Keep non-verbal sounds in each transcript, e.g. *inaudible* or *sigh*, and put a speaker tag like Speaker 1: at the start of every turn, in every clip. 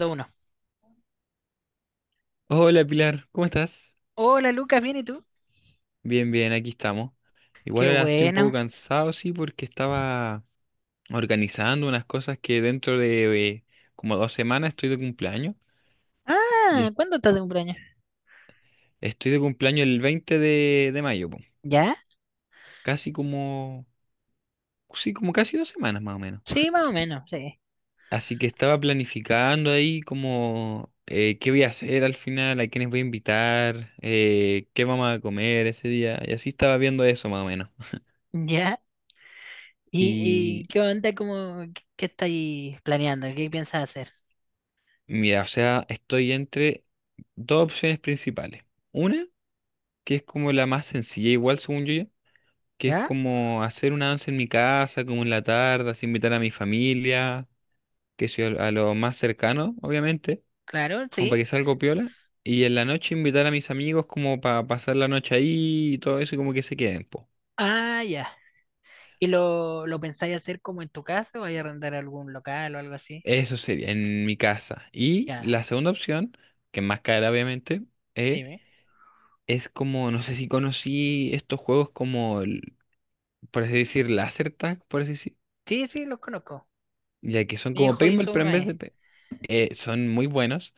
Speaker 1: Uno.
Speaker 2: Hola Pilar, ¿cómo estás?
Speaker 1: Hola Lucas, ¿bien y tú?
Speaker 2: Bien, bien, aquí estamos.
Speaker 1: Qué
Speaker 2: Igual ahora estoy un poco
Speaker 1: bueno.
Speaker 2: cansado, sí, porque estaba organizando unas cosas que dentro de como dos semanas estoy de cumpleaños. Y
Speaker 1: Ah,
Speaker 2: es-
Speaker 1: ¿cuándo estás de cumpleaños?
Speaker 2: Estoy de cumpleaños el 20 de mayo, po.
Speaker 1: ¿Ya?
Speaker 2: Casi como, sí, como casi dos semanas más o menos.
Speaker 1: Sí, más o menos, sí.
Speaker 2: Así que estaba planificando ahí como qué voy a hacer al final, a quiénes voy a invitar, qué vamos a comer ese día. Y así estaba viendo eso más o menos.
Speaker 1: ¿Ya? ¿Y
Speaker 2: y
Speaker 1: qué onda? ¿Cómo, qué estáis planeando? ¿Qué piensas hacer?
Speaker 2: Mira, o sea, estoy entre dos opciones principales. Una, que es como la más sencilla, igual según yo, ya, que es
Speaker 1: ¿Ya?
Speaker 2: como hacer una once en mi casa, como en la tarde, así invitar a mi familia, que sea a lo más cercano, obviamente,
Speaker 1: Claro,
Speaker 2: como para
Speaker 1: sí.
Speaker 2: que salga piola. Y en la noche invitar a mis amigos como para pasar la noche ahí y todo eso y como que se queden, po.
Speaker 1: Ah, ya. ¿Y lo pensáis hacer como en tu casa o vais a arrendar algún local o algo así?
Speaker 2: Eso sería en mi casa. Y
Speaker 1: Ya,
Speaker 2: la segunda opción, que es más cara obviamente,
Speaker 1: sí,
Speaker 2: es...
Speaker 1: ¿ve?
Speaker 2: Es como, no sé si conocí estos juegos como por así decir, láser tag, por así decir,
Speaker 1: Sí, sí, los conozco.
Speaker 2: ya que son
Speaker 1: Mi
Speaker 2: como
Speaker 1: hijo
Speaker 2: paintball,
Speaker 1: hizo
Speaker 2: pero
Speaker 1: uno
Speaker 2: en vez
Speaker 1: ahí.
Speaker 2: de... pe- son muy buenos,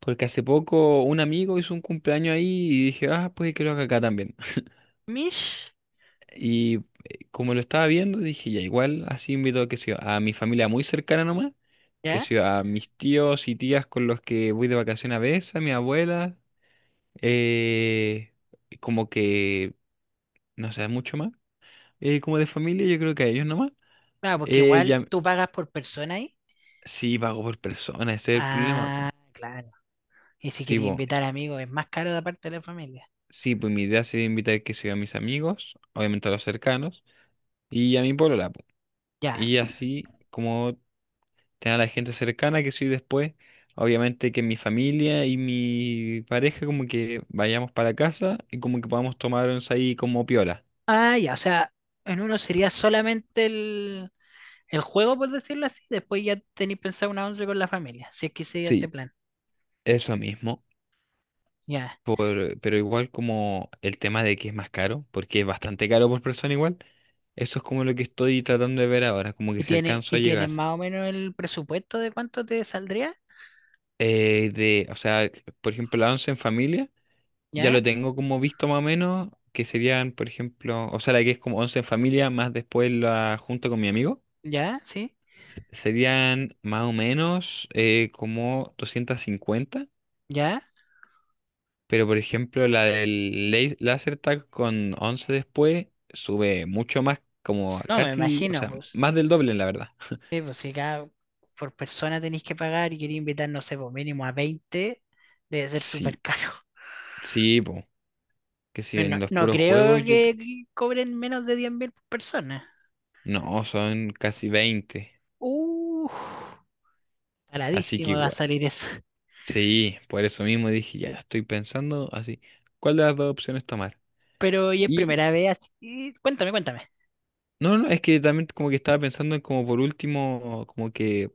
Speaker 2: porque hace poco un amigo hizo un cumpleaños ahí y dije, ah, pues que lo haga acá también. *laughs*
Speaker 1: ¿Mish?
Speaker 2: Y como lo estaba viendo, dije, ya igual, así invito qué sé yo, a mi familia muy cercana nomás, que
Speaker 1: ¿Ya?
Speaker 2: sea a mis tíos y tías con los que voy de vacaciones a veces, a mi abuela, eh, como que, no sé, mucho más, como de familia, yo creo que a ellos nomás.
Speaker 1: Claro, porque igual
Speaker 2: Ya,
Speaker 1: tú pagas por persona ahí.
Speaker 2: sí, pago por persona, ese es el problema, po.
Speaker 1: Ah, claro. Y si
Speaker 2: Sí,
Speaker 1: quería
Speaker 2: po.
Speaker 1: invitar amigos, es más caro de parte de la familia.
Speaker 2: Sí, pues mi idea sería invitar que sea a mis amigos, obviamente a los cercanos, y a mi polola, po.
Speaker 1: Ya.
Speaker 2: Y así como tener a la gente cercana que soy después, obviamente que mi familia y mi pareja como que vayamos para casa y como que podamos tomarnos ahí como piola.
Speaker 1: Ah, ya, o sea, en uno sería solamente el juego, por decirlo así. Después ya tenéis pensado una once con la familia, si es que sigue este
Speaker 2: Sí,
Speaker 1: plan.
Speaker 2: eso mismo.
Speaker 1: Ya.
Speaker 2: Por, pero igual como el tema de que es más caro, porque es bastante caro por persona igual, eso es como lo que estoy tratando de ver ahora, como que
Speaker 1: ¿Y
Speaker 2: si
Speaker 1: tiene,
Speaker 2: alcanzo
Speaker 1: y
Speaker 2: a
Speaker 1: tiene
Speaker 2: llegar.
Speaker 1: más o menos el presupuesto de cuánto te saldría?
Speaker 2: O sea, por ejemplo, la once en familia, ya
Speaker 1: ¿Ya?
Speaker 2: lo tengo como visto más o menos, que serían, por ejemplo, o sea, la que es como once en familia, más después la junto con mi amigo,
Speaker 1: ¿Ya? ¿Sí?
Speaker 2: serían más o menos como 250,
Speaker 1: ¿Ya?
Speaker 2: pero por ejemplo, laser tag con 11 después sube mucho más, como
Speaker 1: No, me
Speaker 2: casi, o
Speaker 1: imagino,
Speaker 2: sea,
Speaker 1: pues.
Speaker 2: más del doble, la verdad.
Speaker 1: Sí, pues si cada por persona tenéis que pagar y quería invitar, no sé, por mínimo a 20 debe ser súper
Speaker 2: Sí,
Speaker 1: caro.
Speaker 2: sí, po, que si en
Speaker 1: Bueno,
Speaker 2: los
Speaker 1: no
Speaker 2: puros
Speaker 1: creo
Speaker 2: juegos,
Speaker 1: que cobren menos de 10.000 por persona.
Speaker 2: no, son casi 20,
Speaker 1: Uh,
Speaker 2: así que
Speaker 1: paradísimo va a
Speaker 2: igual.
Speaker 1: salir eso.
Speaker 2: Sí, por eso mismo dije, ya estoy pensando así, ¿cuál de las dos opciones tomar?
Speaker 1: Pero hoy es
Speaker 2: Y
Speaker 1: primera vez así. Cuéntame, cuéntame.
Speaker 2: no, no, es que también como que estaba pensando en como por último, como que,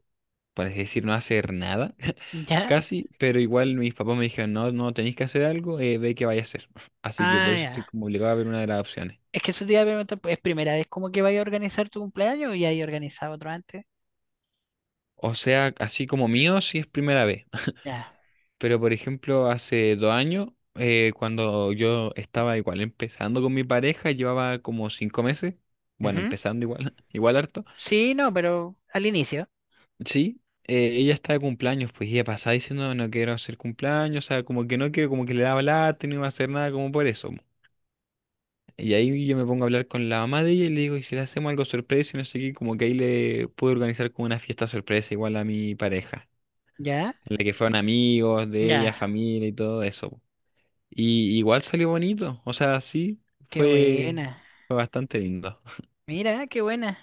Speaker 2: para decir, no hacer nada, *laughs*
Speaker 1: Ya.
Speaker 2: casi, pero igual mis papás me dijeron, no, no tenéis que hacer algo, ve qué vaya a hacer. *laughs* Así que
Speaker 1: Ah,
Speaker 2: por eso estoy
Speaker 1: ya.
Speaker 2: como obligado a ver una de las opciones.
Speaker 1: Es que eso te iba a preguntar, pues, ¿es primera vez como que vaya a organizar tu cumpleaños o ya hay organizado otro antes?
Speaker 2: O sea, así como mío, sí es primera vez.
Speaker 1: Ya.
Speaker 2: *laughs* Pero por ejemplo, hace 2 años, cuando yo estaba igual empezando con mi pareja, llevaba como 5 meses, bueno,
Speaker 1: Ujú.
Speaker 2: empezando igual, *laughs* igual harto.
Speaker 1: Sí, no, pero al inicio.
Speaker 2: Sí, ella está de cumpleaños, pues y ella pasaba diciendo no quiero hacer cumpleaños, o sea, como que no quiero, como que le daba lata, y no iba a hacer nada, como por eso. Y ahí yo me pongo a hablar con la mamá de ella y le digo, ¿y si le hacemos algo sorpresa? Y no sé qué, como que ahí le pude organizar como una fiesta sorpresa igual a mi pareja,
Speaker 1: Ya.
Speaker 2: en la que fueron amigos de ella,
Speaker 1: Ya.
Speaker 2: familia y todo eso. Po. Y igual salió bonito, o sea, sí,
Speaker 1: Qué
Speaker 2: fue,
Speaker 1: buena.
Speaker 2: fue bastante lindo.
Speaker 1: Mira, qué buena.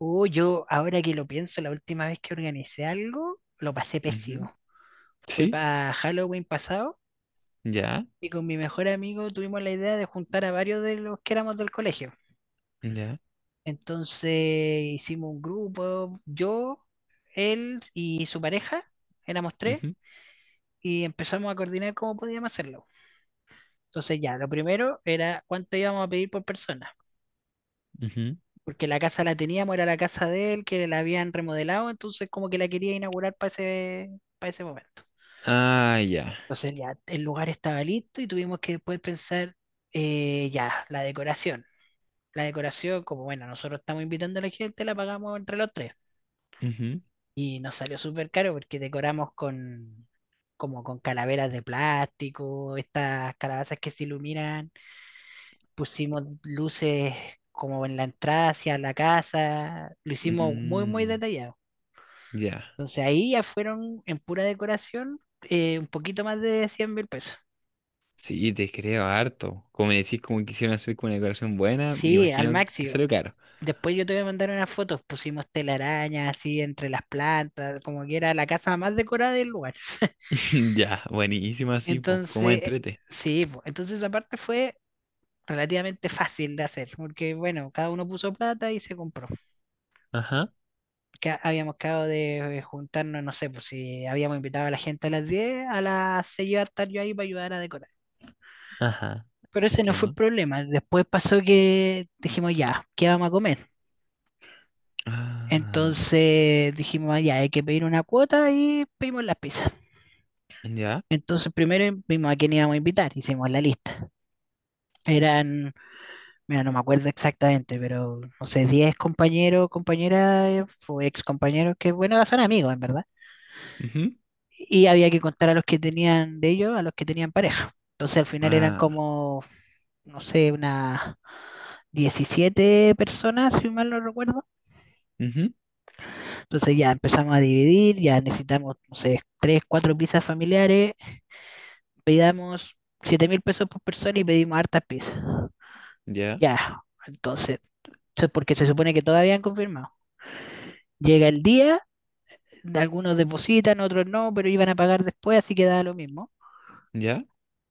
Speaker 1: Yo ahora que lo pienso, la última vez que organicé algo, lo pasé
Speaker 2: Ujú.
Speaker 1: pésimo. Fue
Speaker 2: Sí,
Speaker 1: para Halloween pasado.
Speaker 2: ya,
Speaker 1: Y con mi mejor amigo tuvimos la idea de juntar a varios de los que éramos del colegio.
Speaker 2: ya.
Speaker 1: Entonces hicimos un grupo, yo, él y su pareja, éramos tres,
Speaker 2: Ujú,
Speaker 1: y empezamos a coordinar cómo podíamos hacerlo. Entonces ya, lo primero era cuánto íbamos a pedir por persona,
Speaker 2: ujú.
Speaker 1: porque la casa la teníamos, era la casa de él, que la habían remodelado, entonces como que la quería inaugurar para para ese momento.
Speaker 2: Ah, ya.
Speaker 1: Entonces ya, el lugar estaba listo y tuvimos que después pensar ya, la decoración, como bueno, nosotros estamos invitando a la gente, la pagamos entre los tres.
Speaker 2: Ujú.
Speaker 1: Y nos salió súper caro porque decoramos con como con calaveras de plástico, estas calabazas que se iluminan, pusimos luces como en la entrada hacia la casa, lo hicimos muy, muy
Speaker 2: Mm,
Speaker 1: detallado.
Speaker 2: ya,
Speaker 1: Entonces ahí ya fueron en pura decoración un poquito más de 100.000 pesos.
Speaker 2: sí, te creo harto. Como me decís, como quisieron hacer con una decoración buena, me
Speaker 1: Sí, al
Speaker 2: imagino que
Speaker 1: máximo.
Speaker 2: salió caro.
Speaker 1: Después yo te voy a mandar unas fotos, pusimos telarañas así entre las plantas, como que era la casa más decorada del lugar.
Speaker 2: *laughs* Ya, buenísimo así, pues,
Speaker 1: Entonces,
Speaker 2: como entrete.
Speaker 1: sí, po, entonces esa parte fue relativamente fácil de hacer, porque bueno, cada uno puso plata y se compró.
Speaker 2: Ajá,
Speaker 1: Que habíamos quedado de juntarnos, no sé, pues si habíamos invitado a la gente a las 10 a las 6 iba a estar yo ahí para ayudar a decorar.
Speaker 2: ajá,
Speaker 1: Pero ese no fue el
Speaker 2: entiendo.
Speaker 1: problema. Después pasó que dijimos, ya, ¿qué vamos a comer?
Speaker 2: Ah,
Speaker 1: Entonces dijimos, "Ah, ya, hay que pedir una cuota y pedimos las pizzas."
Speaker 2: ya,
Speaker 1: Entonces primero vimos a quién íbamos a invitar, hicimos la lista. Eran, mira, no me acuerdo exactamente, pero no sé, 10 compañeros, compañeras o ex compañeros que, bueno, son amigos, en verdad.
Speaker 2: ujú,
Speaker 1: Y había que contar a los que tenían de ellos, a los que tenían pareja. Entonces al final eran
Speaker 2: ah,
Speaker 1: como, no sé, unas 17 personas, si mal no recuerdo.
Speaker 2: ujú,
Speaker 1: Entonces ya empezamos a dividir, ya necesitamos, no sé, 3, 4 pizzas familiares. Pedimos 7.000 pesos por persona y pedimos hartas pizzas.
Speaker 2: ya,
Speaker 1: Ya, entonces, porque se supone que todavía han confirmado. Llega el día, algunos depositan, otros no, pero iban a pagar después, así que da lo mismo.
Speaker 2: ya,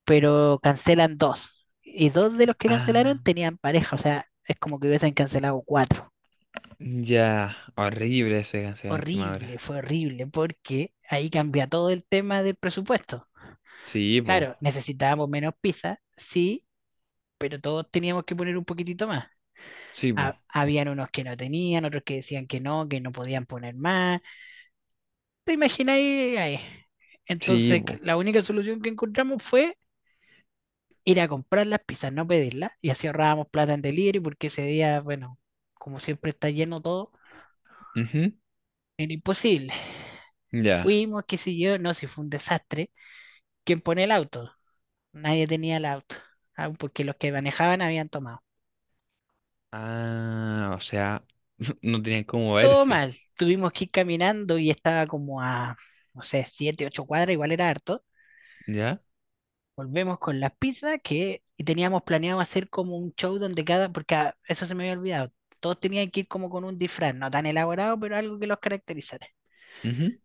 Speaker 1: Pero cancelan dos. Y dos de los que cancelaron
Speaker 2: ah,
Speaker 1: tenían pareja, o sea, es como que hubiesen cancelado cuatro.
Speaker 2: ya, horrible eso de cancelar a última
Speaker 1: Horrible,
Speaker 2: hora.
Speaker 1: fue horrible, porque ahí cambia todo el tema del presupuesto.
Speaker 2: Sí, po,
Speaker 1: Claro, necesitábamos menos pizza, sí, pero todos teníamos que poner un poquitito más.
Speaker 2: sí, po,
Speaker 1: Habían unos que no tenían, otros que decían que no podían poner más. ¿Te imagináis ahí?
Speaker 2: sí,
Speaker 1: Entonces,
Speaker 2: po,
Speaker 1: la única solución que encontramos fue ir a comprar las pizzas, no pedirlas, y así ahorrábamos plata en delivery, porque ese día, bueno, como siempre está lleno todo,
Speaker 2: ujú,
Speaker 1: era imposible.
Speaker 2: ya.
Speaker 1: Fuimos, qué sé yo, no, si fue un desastre. ¿Quién pone el auto? Nadie tenía el auto, ah, porque los que manejaban habían tomado.
Speaker 2: Ah, o sea, *laughs* no tenían cómo
Speaker 1: Todo
Speaker 2: verse,
Speaker 1: mal, tuvimos que ir caminando y estaba como a, no sé, 7, 8 cuadras, igual era harto.
Speaker 2: ya,
Speaker 1: Volvemos con las pizzas que teníamos planeado hacer como un show donde cada, porque ah, eso se me había olvidado, todos tenían que ir como con un disfraz, no tan elaborado, pero algo que los caracterizara.
Speaker 2: ujú,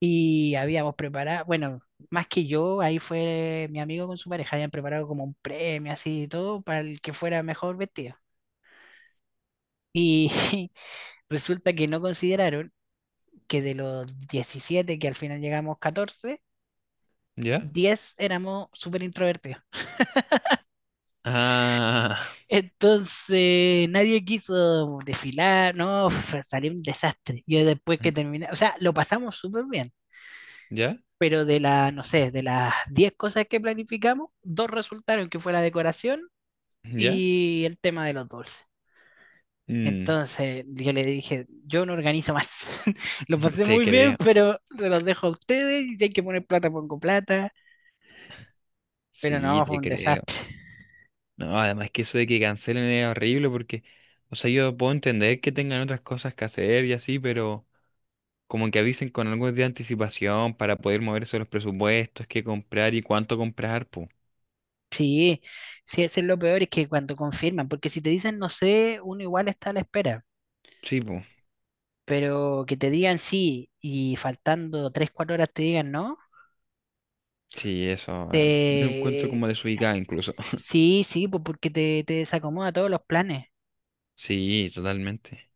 Speaker 1: Y habíamos preparado, bueno, más que yo, ahí fue mi amigo con su pareja, habían preparado como un premio así y todo para el que fuera mejor vestido. Y *laughs* resulta que no consideraron que de los 17 que al final llegamos 14
Speaker 2: ya.
Speaker 1: 10 éramos súper introvertidos.
Speaker 2: Ah,
Speaker 1: Entonces nadie quiso desfilar, no, salió un desastre. Y después que terminé, o sea, lo pasamos súper bien,
Speaker 2: ¿ya?
Speaker 1: pero de la, no sé, de las 10 cosas que planificamos, dos resultaron que fue la decoración
Speaker 2: ¿Ya?
Speaker 1: y el tema de los dulces.
Speaker 2: Mm,
Speaker 1: Entonces yo le dije, yo no organizo más. *laughs* Lo
Speaker 2: *laughs*
Speaker 1: pasé
Speaker 2: te
Speaker 1: muy bien,
Speaker 2: creo,
Speaker 1: pero se los dejo a ustedes y si hay que poner plata, pongo plata. Pero
Speaker 2: sí,
Speaker 1: no, fue
Speaker 2: te
Speaker 1: un
Speaker 2: creo.
Speaker 1: desastre.
Speaker 2: No, además que eso de que cancelen es horrible porque, o sea, yo puedo entender que tengan otras cosas que hacer y así, pero como que avisen con algo de anticipación para poder moverse los presupuestos, qué comprar y cuánto comprar, pues.
Speaker 1: Sí, sí, eso es lo peor, es que cuando confirman, porque si te dicen no sé, uno igual está a la espera.
Speaker 2: Sí, pues.
Speaker 1: Pero que te digan sí y faltando 3 4 horas te digan no,
Speaker 2: Sí, eso. Yo lo encuentro
Speaker 1: te...
Speaker 2: como desubicado incluso. *laughs*
Speaker 1: sí, sí, pues porque te desacomoda todos los planes.
Speaker 2: Sí, totalmente.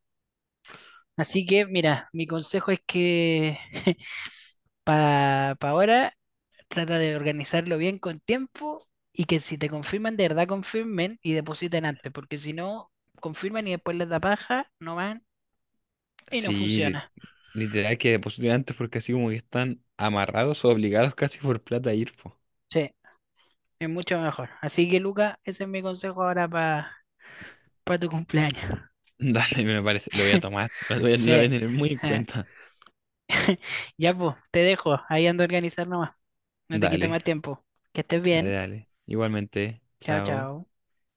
Speaker 1: Así que, mira, mi consejo es que *laughs* para ahora trata de organizarlo bien con tiempo y que si te confirman, de verdad confirmen y depositen antes, porque si no, confirman y después les da paja, no van y no
Speaker 2: Sí, li-
Speaker 1: funciona.
Speaker 2: literal que depositen antes porque así como que están amarrados o obligados casi por plata a ir, po.
Speaker 1: Sí, es mucho mejor. Así que, Luca, ese es mi consejo ahora para tu cumpleaños.
Speaker 2: *laughs* Dale, me parece, lo voy a tomar,
Speaker 1: *laughs*
Speaker 2: lo voy a
Speaker 1: Sí.
Speaker 2: tener muy en
Speaker 1: *laughs*
Speaker 2: cuenta.
Speaker 1: Ya, pues, te dejo. Ahí ando a organizar nomás. No te quito más
Speaker 2: Dale,
Speaker 1: tiempo. Que estés
Speaker 2: dale,
Speaker 1: bien.
Speaker 2: dale. Igualmente,
Speaker 1: Chao,
Speaker 2: chao.
Speaker 1: chao.